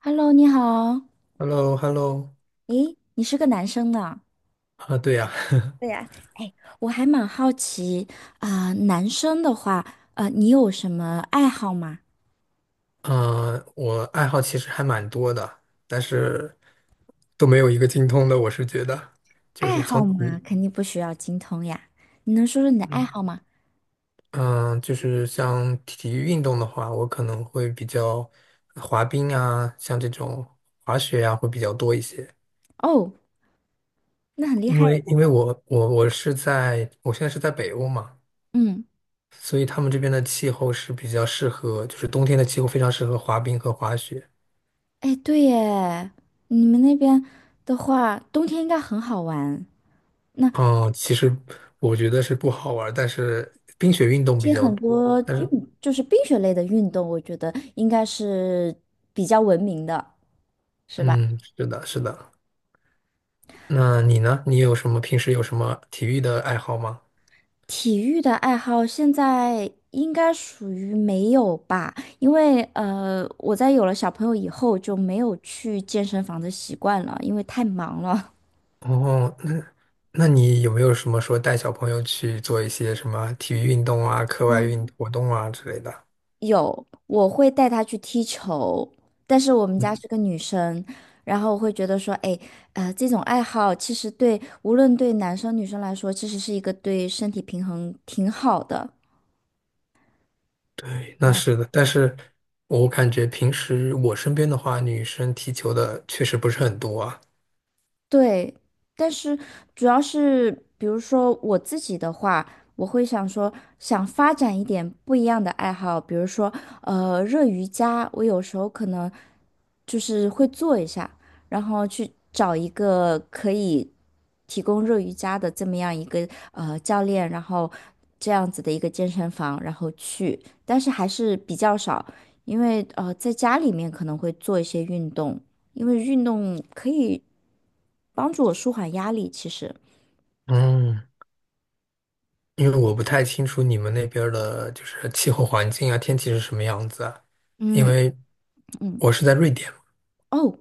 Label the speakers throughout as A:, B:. A: Hello，你好，
B: h e l l o h e l l o。
A: 诶，你是个男生呢？
B: 啊，对呀，
A: 对呀，哎，我还蛮好奇，男生的话，你有什么爱好吗？
B: 啊，我爱好其实还蛮多的，但是都没有一个精通的。我是觉得，就
A: 爱
B: 是从
A: 好嘛，
B: 体，
A: 肯定不需要精通呀。你能说说你的爱
B: 嗯
A: 好吗？
B: 嗯，就是像体育运动的话，我可能会比较滑冰啊，像这种滑雪啊，会比较多一些。
A: 哦，那很厉
B: 因
A: 害耶。
B: 为因为我我我是在我现在是在北欧嘛，
A: 嗯，
B: 所以他们这边的气候是比较适合，就是冬天的气候非常适合滑冰和滑雪。
A: 哎，对耶，你们那边的话，冬天应该很好玩。那
B: 哦，其实我觉得是不好玩儿但是冰雪运动
A: 其
B: 比
A: 实
B: 较
A: 很
B: 多。
A: 多
B: 但
A: 运，
B: 是，
A: 就是冰雪类的运动，我觉得应该是比较文明的，是吧？
B: 嗯，是的，是的。那你呢？你有什么平时有什么体育的爱好吗？
A: 体育的爱好现在应该属于没有吧，因为我在有了小朋友以后就没有去健身房的习惯了，因为太忙了。
B: 哦，那你有没有什么说带小朋友去做一些什么体育运动啊、课外
A: 啊，
B: 运活动啊之类的？
A: 有，我会带他去踢球，但是我们家
B: 嗯，
A: 是个女生，然后我会觉得说，哎，这种爱好其实对无论对男生女生来说，其实是一个对身体平衡挺好的。
B: 对，那是的。但是我感觉平时我身边的话，女生踢球的确实不是很多啊。
A: 对，但是主要是，比如说我自己的话，我会想说，想发展一点不一样的爱好，比如说，热瑜伽，我有时候可能就是会做一下，然后去找一个可以提供热瑜伽的这么样一个教练，然后这样子的一个健身房，然后去，但是还是比较少，因为在家里面可能会做一些运动。因为运动可以帮助我舒缓压力。其实，
B: 嗯。因为我不太清楚你们那边儿的就是气候环境啊，天气是什么样子啊？因
A: 嗯。
B: 为
A: 嗯，
B: 我是在瑞典嘛。
A: 哦。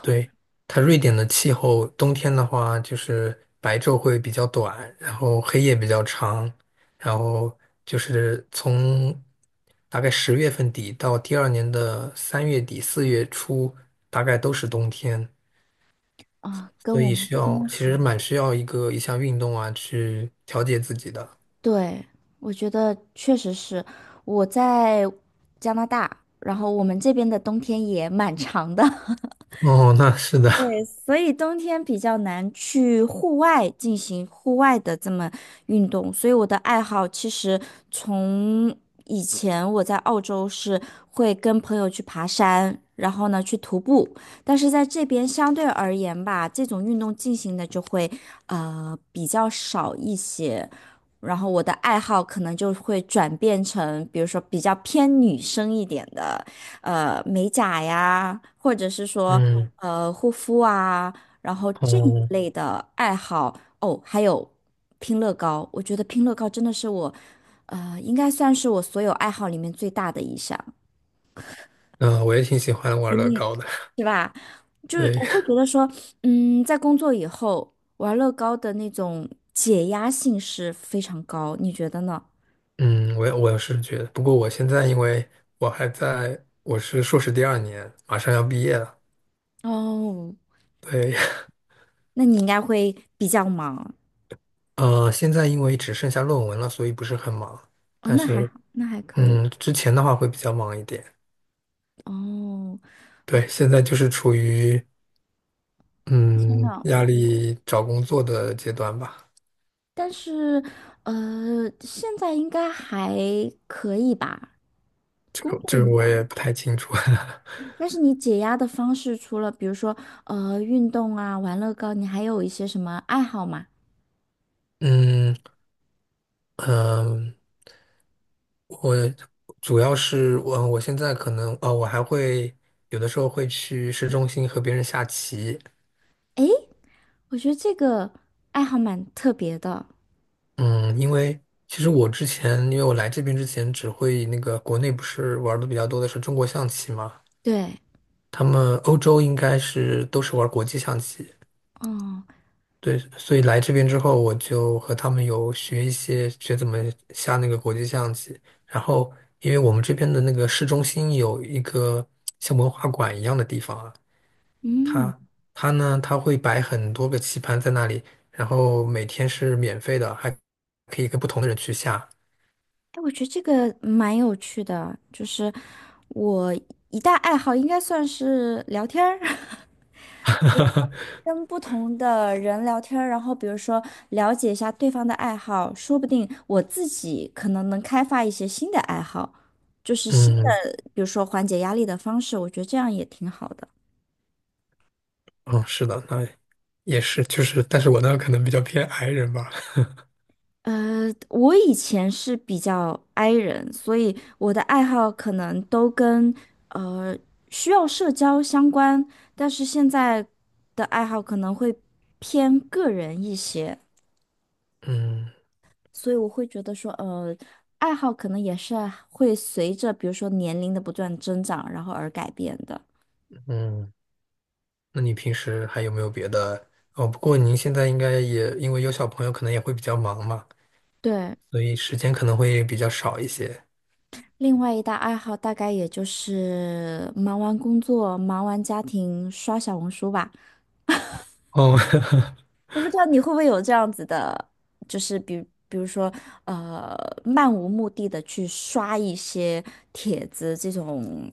B: 对，它瑞典的气候，冬天的话就是白昼会比较短，然后黑夜比较长，然后就是从大概十月份底到第二年的三月底四月初，大概都是冬天，
A: 啊，跟
B: 所
A: 我
B: 以
A: 们这边
B: 其实蛮需要一项运动啊去调节自己的。
A: 对，我觉得确实是我在加拿大，然后我们这边的冬天也蛮长的。
B: 哦，那是的，
A: 所以冬天比较难去户外进行户外的这么运动，所以我的爱好其实从以前我在澳洲是会跟朋友去爬山，然后呢去徒步，但是在这边相对而言吧，这种运动进行的就会比较少一些，然后我的爱好可能就会转变成比如说比较偏女生一点的。呃美甲呀，或者是说
B: 嗯。
A: 护肤啊，然后这一
B: 哦，
A: 类的爱好哦，还有拼乐高，我觉得拼乐高真的是我，应该算是我所有爱好里面最大的一项，
B: 我也挺喜欢
A: 哎
B: 玩乐
A: 你
B: 高的。
A: 是吧？就是
B: 对，
A: 我会觉得说，嗯，在工作以后玩乐高的那种解压性是非常高，你觉得呢？
B: 嗯，我也是觉得，不过我现在因为我还在，我是硕士第二年，马上要毕业了。
A: 哦，
B: 对，
A: 那你应该会比较忙。
B: 现在因为只剩下论文了，所以不是很忙。
A: 哦，
B: 但
A: 那还
B: 是，
A: 好，那还可以。
B: 之前的话会比较忙一点。
A: 哦。
B: 对，现在就是处于
A: 想
B: 嗯
A: 想
B: 压
A: 我，
B: 力找工作的阶段吧。
A: 但是现在应该还可以吧，
B: 这
A: 工
B: 个
A: 作
B: 这个
A: 应
B: 我也
A: 该。
B: 不太清楚。
A: 但是你解压的方式，除了比如说运动啊、玩乐高，你还有一些什么爱好吗？
B: 嗯嗯，呃我主要是我现在可能我还会有的时候会去市中心和别人下棋。
A: 诶，我觉得这个爱好蛮特别的。
B: 嗯，其实我之前，因为我来这边之前只会那个国内不是玩的比较多的是中国象棋嘛。
A: 对，
B: 他们欧洲应该是都是玩国际象棋。
A: 哦，
B: 对，所以来这边之后，我就和他们有学一些学怎么下那个国际象棋。然后，因为我们这边的那个市中心有一个像文化馆一样的地方啊。
A: 嗯，
B: 他他呢，他会摆很多个棋盘在那里，然后每天是免费的，还可以跟不同的人去下。
A: 哎，我觉得这个蛮有趣的，就是我一大爱好应该算是聊天儿。跟不同的人聊天儿然后比如说了解一下对方的爱好，说不定我自己可能能开发一些新的爱好，就是新的，
B: 嗯
A: 比如说缓解压力的方式，我觉得这样也挺好的。
B: 嗯，是的，那也是，就是，但是我呢可能比较偏 i 人吧。
A: 我以前是比较 i 人，所以我的爱好可能都跟呃需要社交相关，但是现在的爱好可能会偏个人一些。
B: 嗯
A: 所以我会觉得说，爱好可能也是啊会随着比如说年龄的不断增长，然后而改变的。
B: 嗯，那你平时还有没有别的？哦，不过您现在应该也因为有小朋友，可能也会比较忙嘛，
A: 对，
B: 所以时间可能会比较少一些。
A: 另外一大爱好大概也就是忙完工作、忙完家庭，刷小红书吧。
B: 哦，
A: 我不知道你会不会有这样子的，就是比比如说，呃，漫无目的的去刷一些帖子这种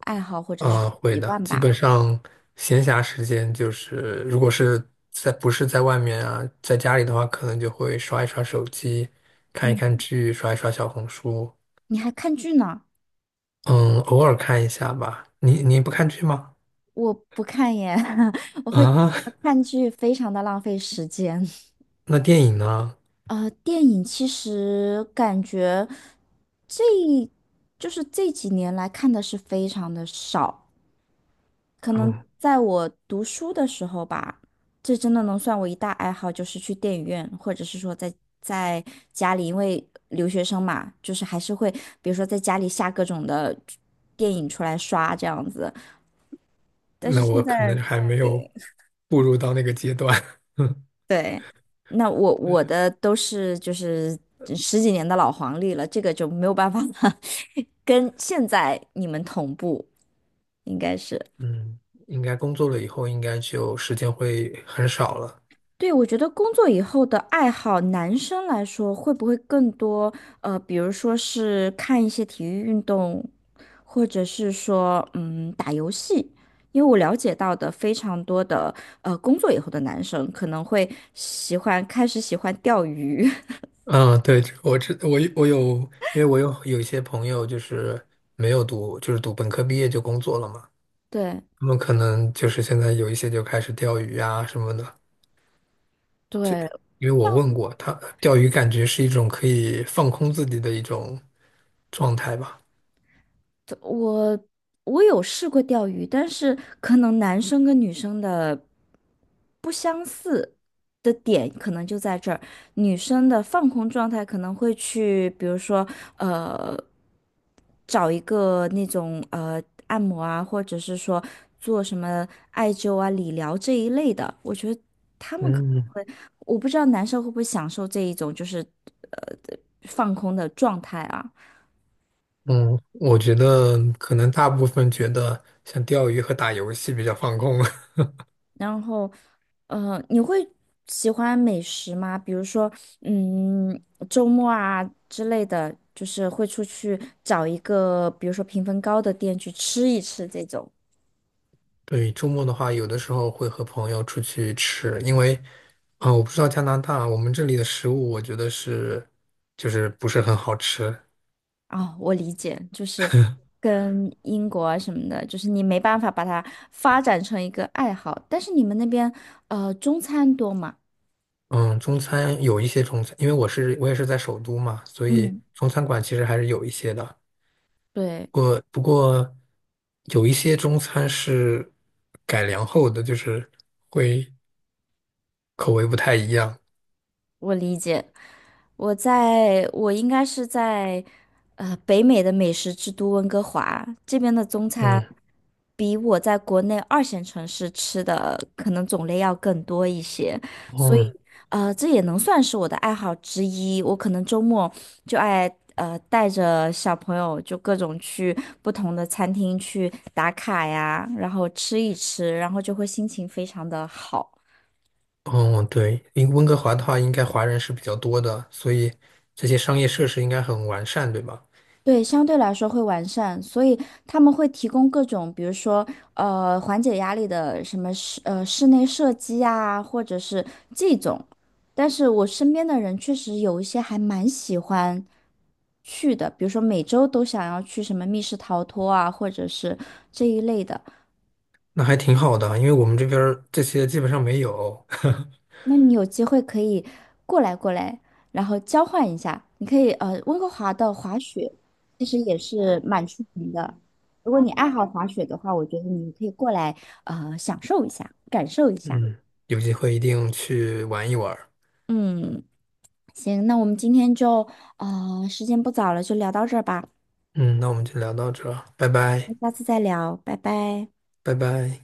A: 爱好或者是
B: 啊，会
A: 习
B: 的，
A: 惯
B: 基本
A: 吧。
B: 上闲暇时间就是，如果是在，不是在外面啊，在家里的话，可能就会刷一刷手机，看一
A: 嗯，
B: 看剧，刷一刷小红书，
A: 你还看剧呢？
B: 嗯，偶尔看一下吧。你不看剧吗？
A: 我不看耶，我会觉
B: 啊，
A: 得看剧非常的浪费时间。
B: 那电影呢？
A: 电影其实感觉这就是这几年来看的是非常的少，可能
B: 嗯，
A: 在我读书的时候吧，这真的能算我一大爱好，就是去电影院，或者是说在在家里，因为留学生嘛，就是还是会，比如说在家里下各种的电影出来刷这样子。但是
B: 那
A: 现
B: 我可能
A: 在。
B: 还没有步入到那个阶段。
A: 对，那我我的都是就是十几年的老黄历了，这个就没有办法了，跟现在你们同步，应该是。
B: 嗯，应该工作了以后，应该就时间会很少了。
A: 对，我觉得工作以后的爱好，男生来说会不会更多？比如说是看一些体育运动，或者是说嗯打游戏，因为我了解到的非常多的工作以后的男生可能会喜欢开始喜欢钓鱼，
B: 嗯，对，这个我有，因为我有一些朋友就是没有读，就是读本科毕业就工作了嘛，
A: 对。
B: 他们可能就是现在有一些就开始钓鱼啊什么的。
A: 对，
B: 因为我问过他，钓鱼感觉是一种可以放空自己的一种状态吧。
A: 我我有试过钓鱼，但是可能男生跟女生的不相似的点可能就在这儿，女生的放空状态可能会去，比如说呃，找一个那种按摩啊，或者是说做什么艾灸啊、理疗这一类的。我觉得
B: 嗯
A: 我不知道男生会不会享受这一种就是呃放空的状态啊。
B: 嗯，我觉得可能大部分觉得像钓鱼和打游戏比较放空。
A: 然后，你会喜欢美食吗？比如说，嗯，周末啊之类的，就是会出去找一个，比如说评分高的店去吃一吃这种。
B: 对，周末的话，有的时候会和朋友出去吃，因为，啊、我不知道加拿大，我们这里的食物，我觉得是，就是不是很好吃。
A: 啊，我理解，就是跟英国啊什么的，就是你没办法把它发展成一个爱好，但是你们那边，中餐多嘛？
B: 嗯，中餐有一些中餐，因为我也是在首都嘛，所以
A: 嗯，
B: 中餐馆其实还是有一些的。
A: 对。
B: 不过，有一些中餐是改良后的，就是口味不太一样。
A: 我理解，我在我应该是在北美的美食之都温哥华这边的中餐，
B: 嗯，
A: 比我在国内二线城市吃的可能种类要更多一些，所以
B: 嗯
A: 这也能算是我的爱好之一。我可能周末就爱带着小朋友就各种去不同的餐厅去打卡呀，然后吃一吃，然后就会心情非常的好。
B: 嗯，对，因为温哥华的话，应该华人是比较多的，所以这些商业设施应该很完善，对吧？
A: 对，相对来说会完善，所以他们会提供各种，比如说，缓解压力的什么室室内射击啊，或者是这种。但是我身边的人确实有一些还蛮喜欢去的，比如说每周都想要去什么密室逃脱啊，或者是这一类的。
B: 那还挺好的，因为我们这边儿这些基本上没有。
A: 那你有机会可以过来过来，然后交换一下。你可以温哥华的滑雪其实也是蛮出名的。如果你爱好滑雪的话，我觉得你可以过来享受一下，感受一下。
B: 嗯，有机会一定去玩一玩儿
A: 嗯，行，那我们今天就时间不早了，就聊到这儿吧，
B: 嗯，那我们就聊到这儿拜
A: 那
B: 拜，
A: 下次再聊，拜拜。
B: 拜拜。